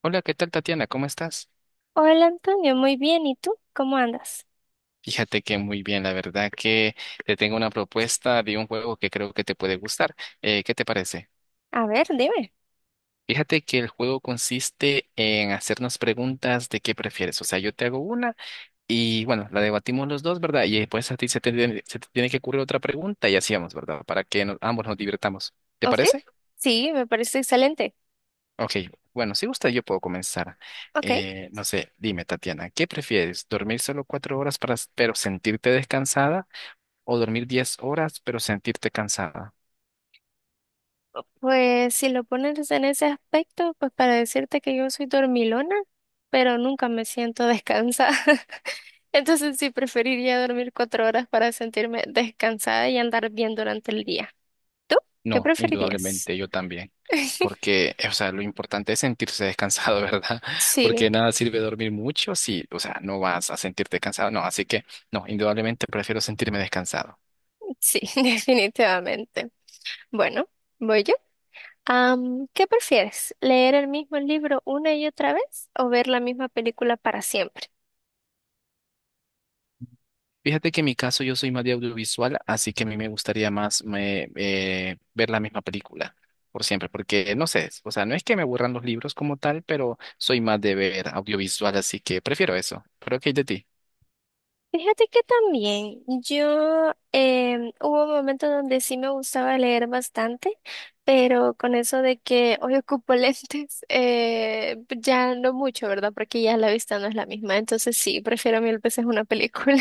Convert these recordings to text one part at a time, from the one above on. Hola, ¿qué tal, Tatiana? ¿Cómo estás? Hola Antonio, muy bien. ¿Y tú? ¿Cómo andas? Fíjate que muy bien, la verdad que te tengo una propuesta de un juego que creo que te puede gustar. ¿Qué te parece? A ver, dime. Fíjate que el juego consiste en hacernos preguntas de qué prefieres. O sea, yo te hago una y bueno, la debatimos los dos, ¿verdad? Y después a ti se te tiene que ocurrir otra pregunta y así vamos, ¿verdad? Ambos nos divirtamos. ¿Te ¿Ok? parece? Sí, me parece excelente. Ok, bueno, si gusta yo puedo comenzar. Ok. No sé, dime, Tatiana, ¿qué prefieres? ¿Dormir solo 4 horas pero sentirte descansada? ¿O dormir 10 horas, pero sentirte cansada? Pues si lo pones en ese aspecto, pues para decirte que yo soy dormilona, pero nunca me siento descansada. Entonces sí preferiría dormir 4 horas para sentirme descansada y andar bien durante el día. ¿Tú? ¿Qué No, preferirías? indudablemente yo también. Porque, o sea, lo importante es sentirse descansado, ¿verdad? Sí, Porque nada sirve dormir mucho si, o sea, no vas a sentirte cansado. No, así que no, indudablemente prefiero sentirme descansado. sí, definitivamente. Bueno, voy yo. ¿Qué prefieres? ¿Leer el mismo libro una y otra vez o ver la misma película para siempre? Fíjate que en mi caso yo soy más de audiovisual, así que a mí me gustaría más ver la misma película por siempre, porque no sé, o sea, no es que me aburran los libros como tal, pero soy más de ver audiovisual, así que prefiero eso. ¿Pero qué hay de ti? Fíjate que también yo hubo un momento donde sí me gustaba leer bastante, pero con eso de que hoy ocupo lentes, ya no mucho, ¿verdad? Porque ya la vista no es la misma. Entonces sí, prefiero mil veces una película.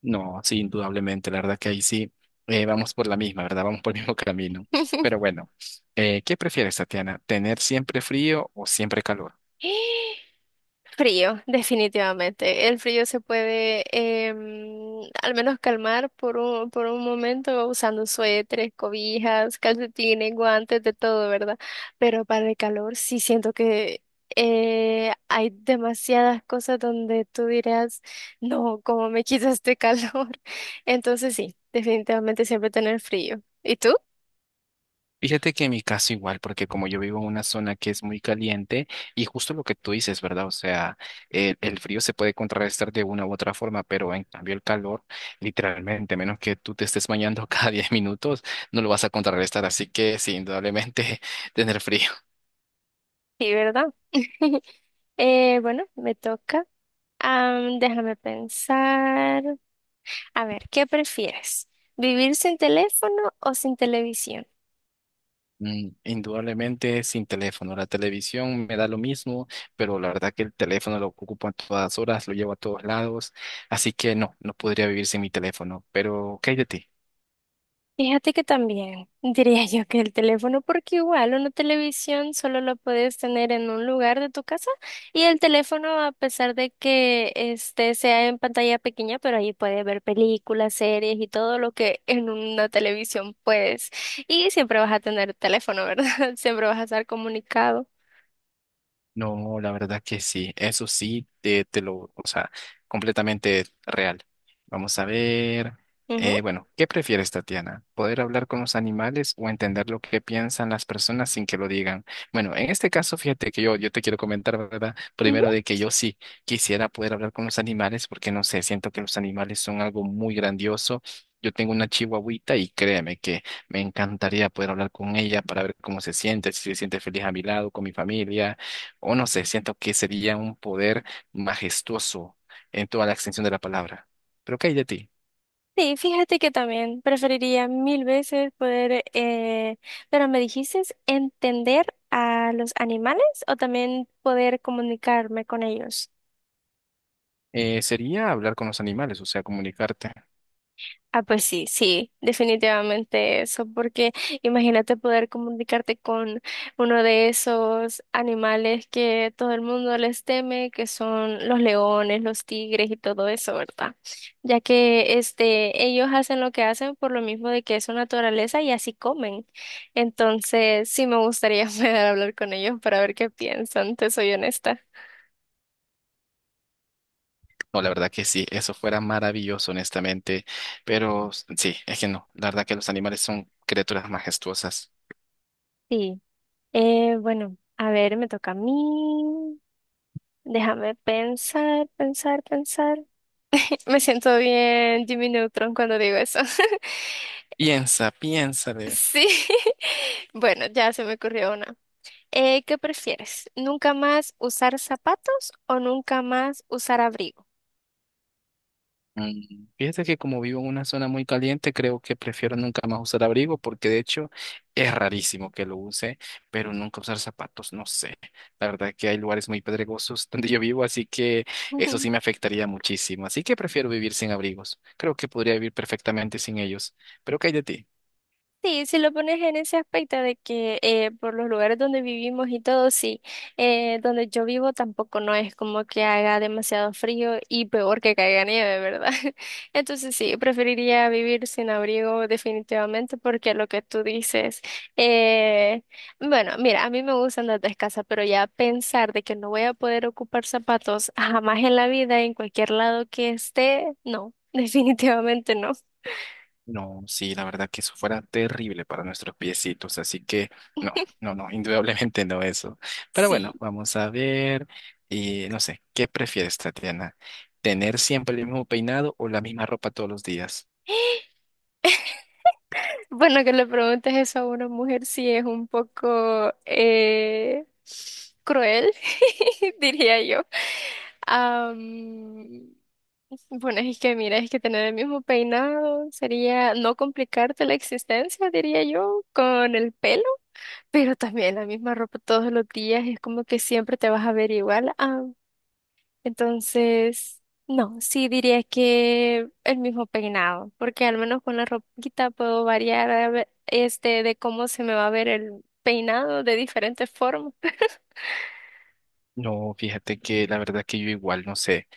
No, sí, indudablemente, la verdad que ahí sí vamos por la misma, ¿verdad? Vamos por el mismo camino. Pero bueno, ¿qué prefieres, Tatiana? ¿Tener siempre frío o siempre calor? Frío, definitivamente. El frío se puede al menos calmar por un momento usando suéteres, cobijas, calcetines, guantes, de todo, ¿verdad? Pero para el calor sí siento que hay demasiadas cosas donde tú dirás, no, ¿cómo me quita este calor? Entonces sí, definitivamente siempre tener frío. ¿Y tú? Fíjate que en mi caso igual, porque como yo vivo en una zona que es muy caliente y justo lo que tú dices, ¿verdad? O sea, el frío se puede contrarrestar de una u otra forma, pero en cambio el calor, literalmente, a menos que tú te estés bañando cada 10 minutos, no lo vas a contrarrestar. Así que sí, indudablemente tener frío. Sí, ¿verdad? Bueno, me toca. Déjame pensar. A ver, ¿qué prefieres? ¿Vivir sin teléfono o sin televisión? Mm, indudablemente sin teléfono. La televisión me da lo mismo, pero la verdad que el teléfono lo ocupo a todas horas, lo llevo a todos lados. Así que no, no podría vivir sin mi teléfono. Pero, ¿qué hay de ti? Fíjate que también diría yo que el teléfono, porque igual una televisión solo lo puedes tener en un lugar de tu casa y el teléfono, a pesar de que este sea en pantalla pequeña, pero ahí puedes ver películas, series y todo lo que en una televisión puedes. Y siempre vas a tener teléfono, ¿verdad? Siempre vas a estar comunicado. No, la verdad que sí, eso sí, o sea, completamente real. Vamos a ver, Ujú, bueno, ¿qué prefieres, Tatiana? ¿Poder hablar con los animales o entender lo que piensan las personas sin que lo digan? Bueno, en este caso, fíjate que yo te quiero comentar, ¿verdad? ujú. Primero de que yo sí quisiera poder hablar con los animales porque, no sé, siento que los animales son algo muy grandioso. Yo tengo una chihuahuita y créeme que me encantaría poder hablar con ella para ver cómo se siente, si se siente feliz a mi lado, con mi familia o no sé, siento que sería un poder majestuoso en toda la extensión de la palabra. Pero ¿qué hay de ti? Sí, fíjate que también preferiría mil veces poder, pero me dijiste entender a los animales o también poder comunicarme con ellos. Sería hablar con los animales, o sea, comunicarte. Ah, pues sí, sí, definitivamente eso, porque imagínate poder comunicarte con uno de esos animales que todo el mundo les teme, que son los leones, los tigres y todo eso, ¿verdad? Ya que este, ellos hacen lo que hacen por lo mismo de que es su naturaleza y así comen. Entonces, sí me gustaría poder hablar con ellos para ver qué piensan, te soy honesta. No, la verdad que sí, eso fuera maravilloso, honestamente. Pero sí, es que no, la verdad que los animales son criaturas majestuosas. Sí, bueno, a ver, me toca a mí. Déjame pensar, pensar, pensar. Me siento bien Jimmy Neutron cuando digo eso. Piensa, piensa. Sí. Bueno, ya se me ocurrió una. ¿Qué prefieres? ¿Nunca más usar zapatos o nunca más usar abrigo? Mm, fíjate que como vivo en una zona muy caliente, creo que prefiero nunca más usar abrigo porque de hecho es rarísimo que lo use, pero nunca usar zapatos, no sé. La verdad que hay lugares muy pedregosos donde yo vivo, así que eso sí me afectaría muchísimo. Así que prefiero vivir sin abrigos. Creo que podría vivir perfectamente sin ellos. Pero ¿qué hay de ti? Sí, si lo pones en ese aspecto de que por los lugares donde vivimos y todo, sí, donde yo vivo tampoco no es como que haga demasiado frío y peor que caiga nieve, ¿verdad? Entonces sí, preferiría vivir sin abrigo definitivamente porque lo que tú dices, eh, bueno, mira, a mí me gusta andar descalza, pero ya pensar de que no voy a poder ocupar zapatos jamás en la vida, en cualquier lado que esté, no, definitivamente no. No, sí, la verdad que eso fuera terrible para nuestros piecitos, así que no, no, no, indudablemente no eso. Pero bueno, Sí. vamos a ver, y no sé, ¿qué prefieres, Tatiana? ¿Tener siempre el mismo peinado o la misma ropa todos los días? Bueno, que le preguntes eso a una mujer sí es un poco cruel, diría yo. Am, bueno, es que mira, es que tener el mismo peinado sería no complicarte la existencia, diría yo, con el pelo, pero también la misma ropa todos los días es como que siempre te vas a ver igual. Entonces, no, sí diría que el mismo peinado, porque al menos con la ropita puedo variar este de cómo se me va a ver el peinado de diferentes formas. No, fíjate que la verdad que yo igual, no sé.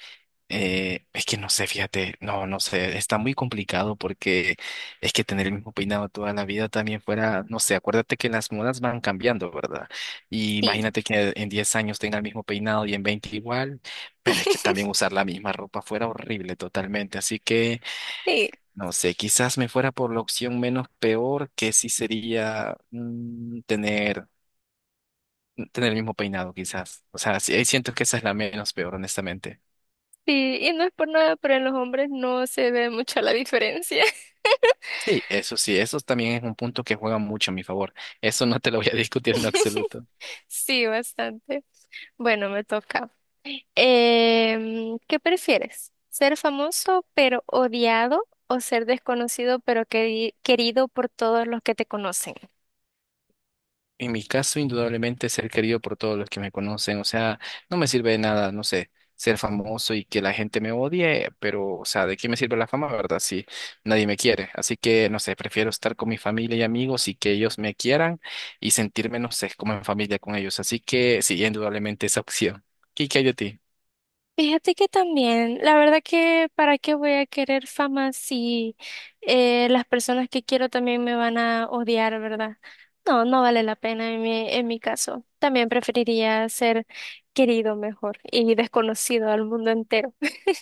Es que no sé, fíjate, no, no sé, está muy complicado porque es que tener el mismo peinado toda la vida también fuera, no sé, acuérdate que las modas van cambiando, ¿verdad? Y Sí, imagínate que en 10 años tenga el mismo peinado y en 20 igual, pero es que también usar la misma ropa fuera horrible totalmente, así que sí, no sé, quizás me fuera por la opción menos peor que sí sería mm, tener el mismo peinado, quizás. O sea, sí, siento que esa es la menos peor, honestamente. sí, y no es por nada, pero en los hombres no se ve mucho la diferencia. Sí, eso también es un punto que juega mucho a mi favor. Eso no te lo voy a discutir en lo absoluto. Sí, bastante. Bueno, me toca. ¿Qué prefieres? ¿Ser famoso pero odiado o ser desconocido pero querido por todos los que te conocen? En mi caso, indudablemente, ser querido por todos los que me conocen, o sea, no me sirve de nada, no sé, ser famoso y que la gente me odie, pero, o sea, ¿de qué me sirve la fama, verdad? Si nadie me quiere. Así que, no sé, prefiero estar con mi familia y amigos y que ellos me quieran y sentirme, no sé, como en familia con ellos. Así que, sí, indudablemente esa opción. ¿Y qué hay de ti? Fíjate que también, la verdad que para qué voy a querer fama si las personas que quiero también me van a odiar, ¿verdad? No, no vale la pena en mi caso. También preferiría ser querido mejor y desconocido al mundo entero.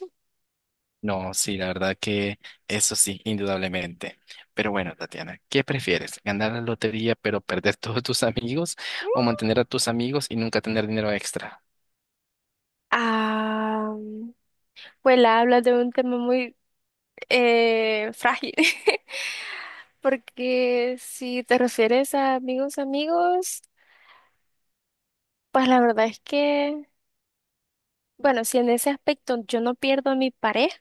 No, sí, la verdad que eso sí, indudablemente. Pero bueno, Tatiana, ¿qué prefieres? ¿Ganar la lotería pero perder todos tus amigos o mantener a tus amigos y nunca tener dinero extra? Ah, pues la hablas de un tema muy frágil, porque si te refieres a amigos, amigos, pues la verdad es que. Bueno, si en ese aspecto yo no pierdo a mi pareja,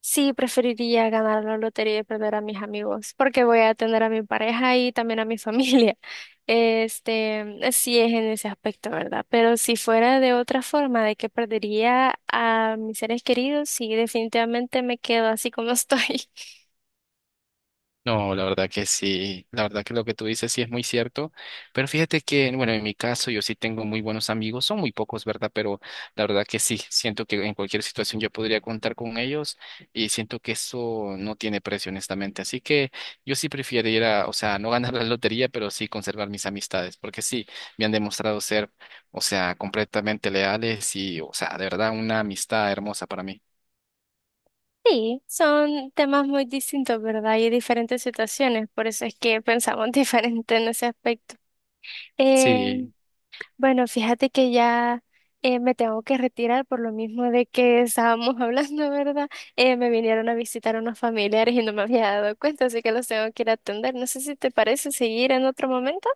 sí preferiría ganar la lotería y perder a mis amigos, porque voy a tener a mi pareja y también a mi familia. Este, sí es en ese aspecto, ¿verdad? Pero si fuera de otra forma, de que perdería a mis seres queridos, sí, definitivamente me quedo así como estoy. No, la verdad que sí, la verdad que lo que tú dices sí es muy cierto, pero fíjate que, bueno, en mi caso yo sí tengo muy buenos amigos, son muy pocos, ¿verdad? Pero la verdad que sí, siento que en cualquier situación yo podría contar con ellos y siento que eso no tiene precio, honestamente. Así que yo sí prefiero ir a, o sea, no ganar la lotería, pero sí conservar mis amistades, porque sí, me han demostrado ser, o sea, completamente leales y, o sea, de verdad una amistad hermosa para mí. Sí, son temas muy distintos, ¿verdad? Y diferentes situaciones, por eso es que pensamos diferente en ese aspecto. Eh, Sí. Bueno, fíjate que ya me tengo que retirar por lo mismo de que estábamos hablando, ¿verdad? Me vinieron a visitar unos familiares y no me había dado cuenta, así que los tengo que ir a atender. No sé si te parece seguir en otro momento.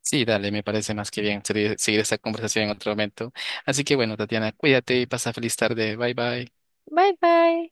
Sí, dale, me parece más que bien seguir, seguir esta conversación en otro momento. Así que bueno, Tatiana, cuídate y pasa feliz tarde. Bye bye. Bye bye.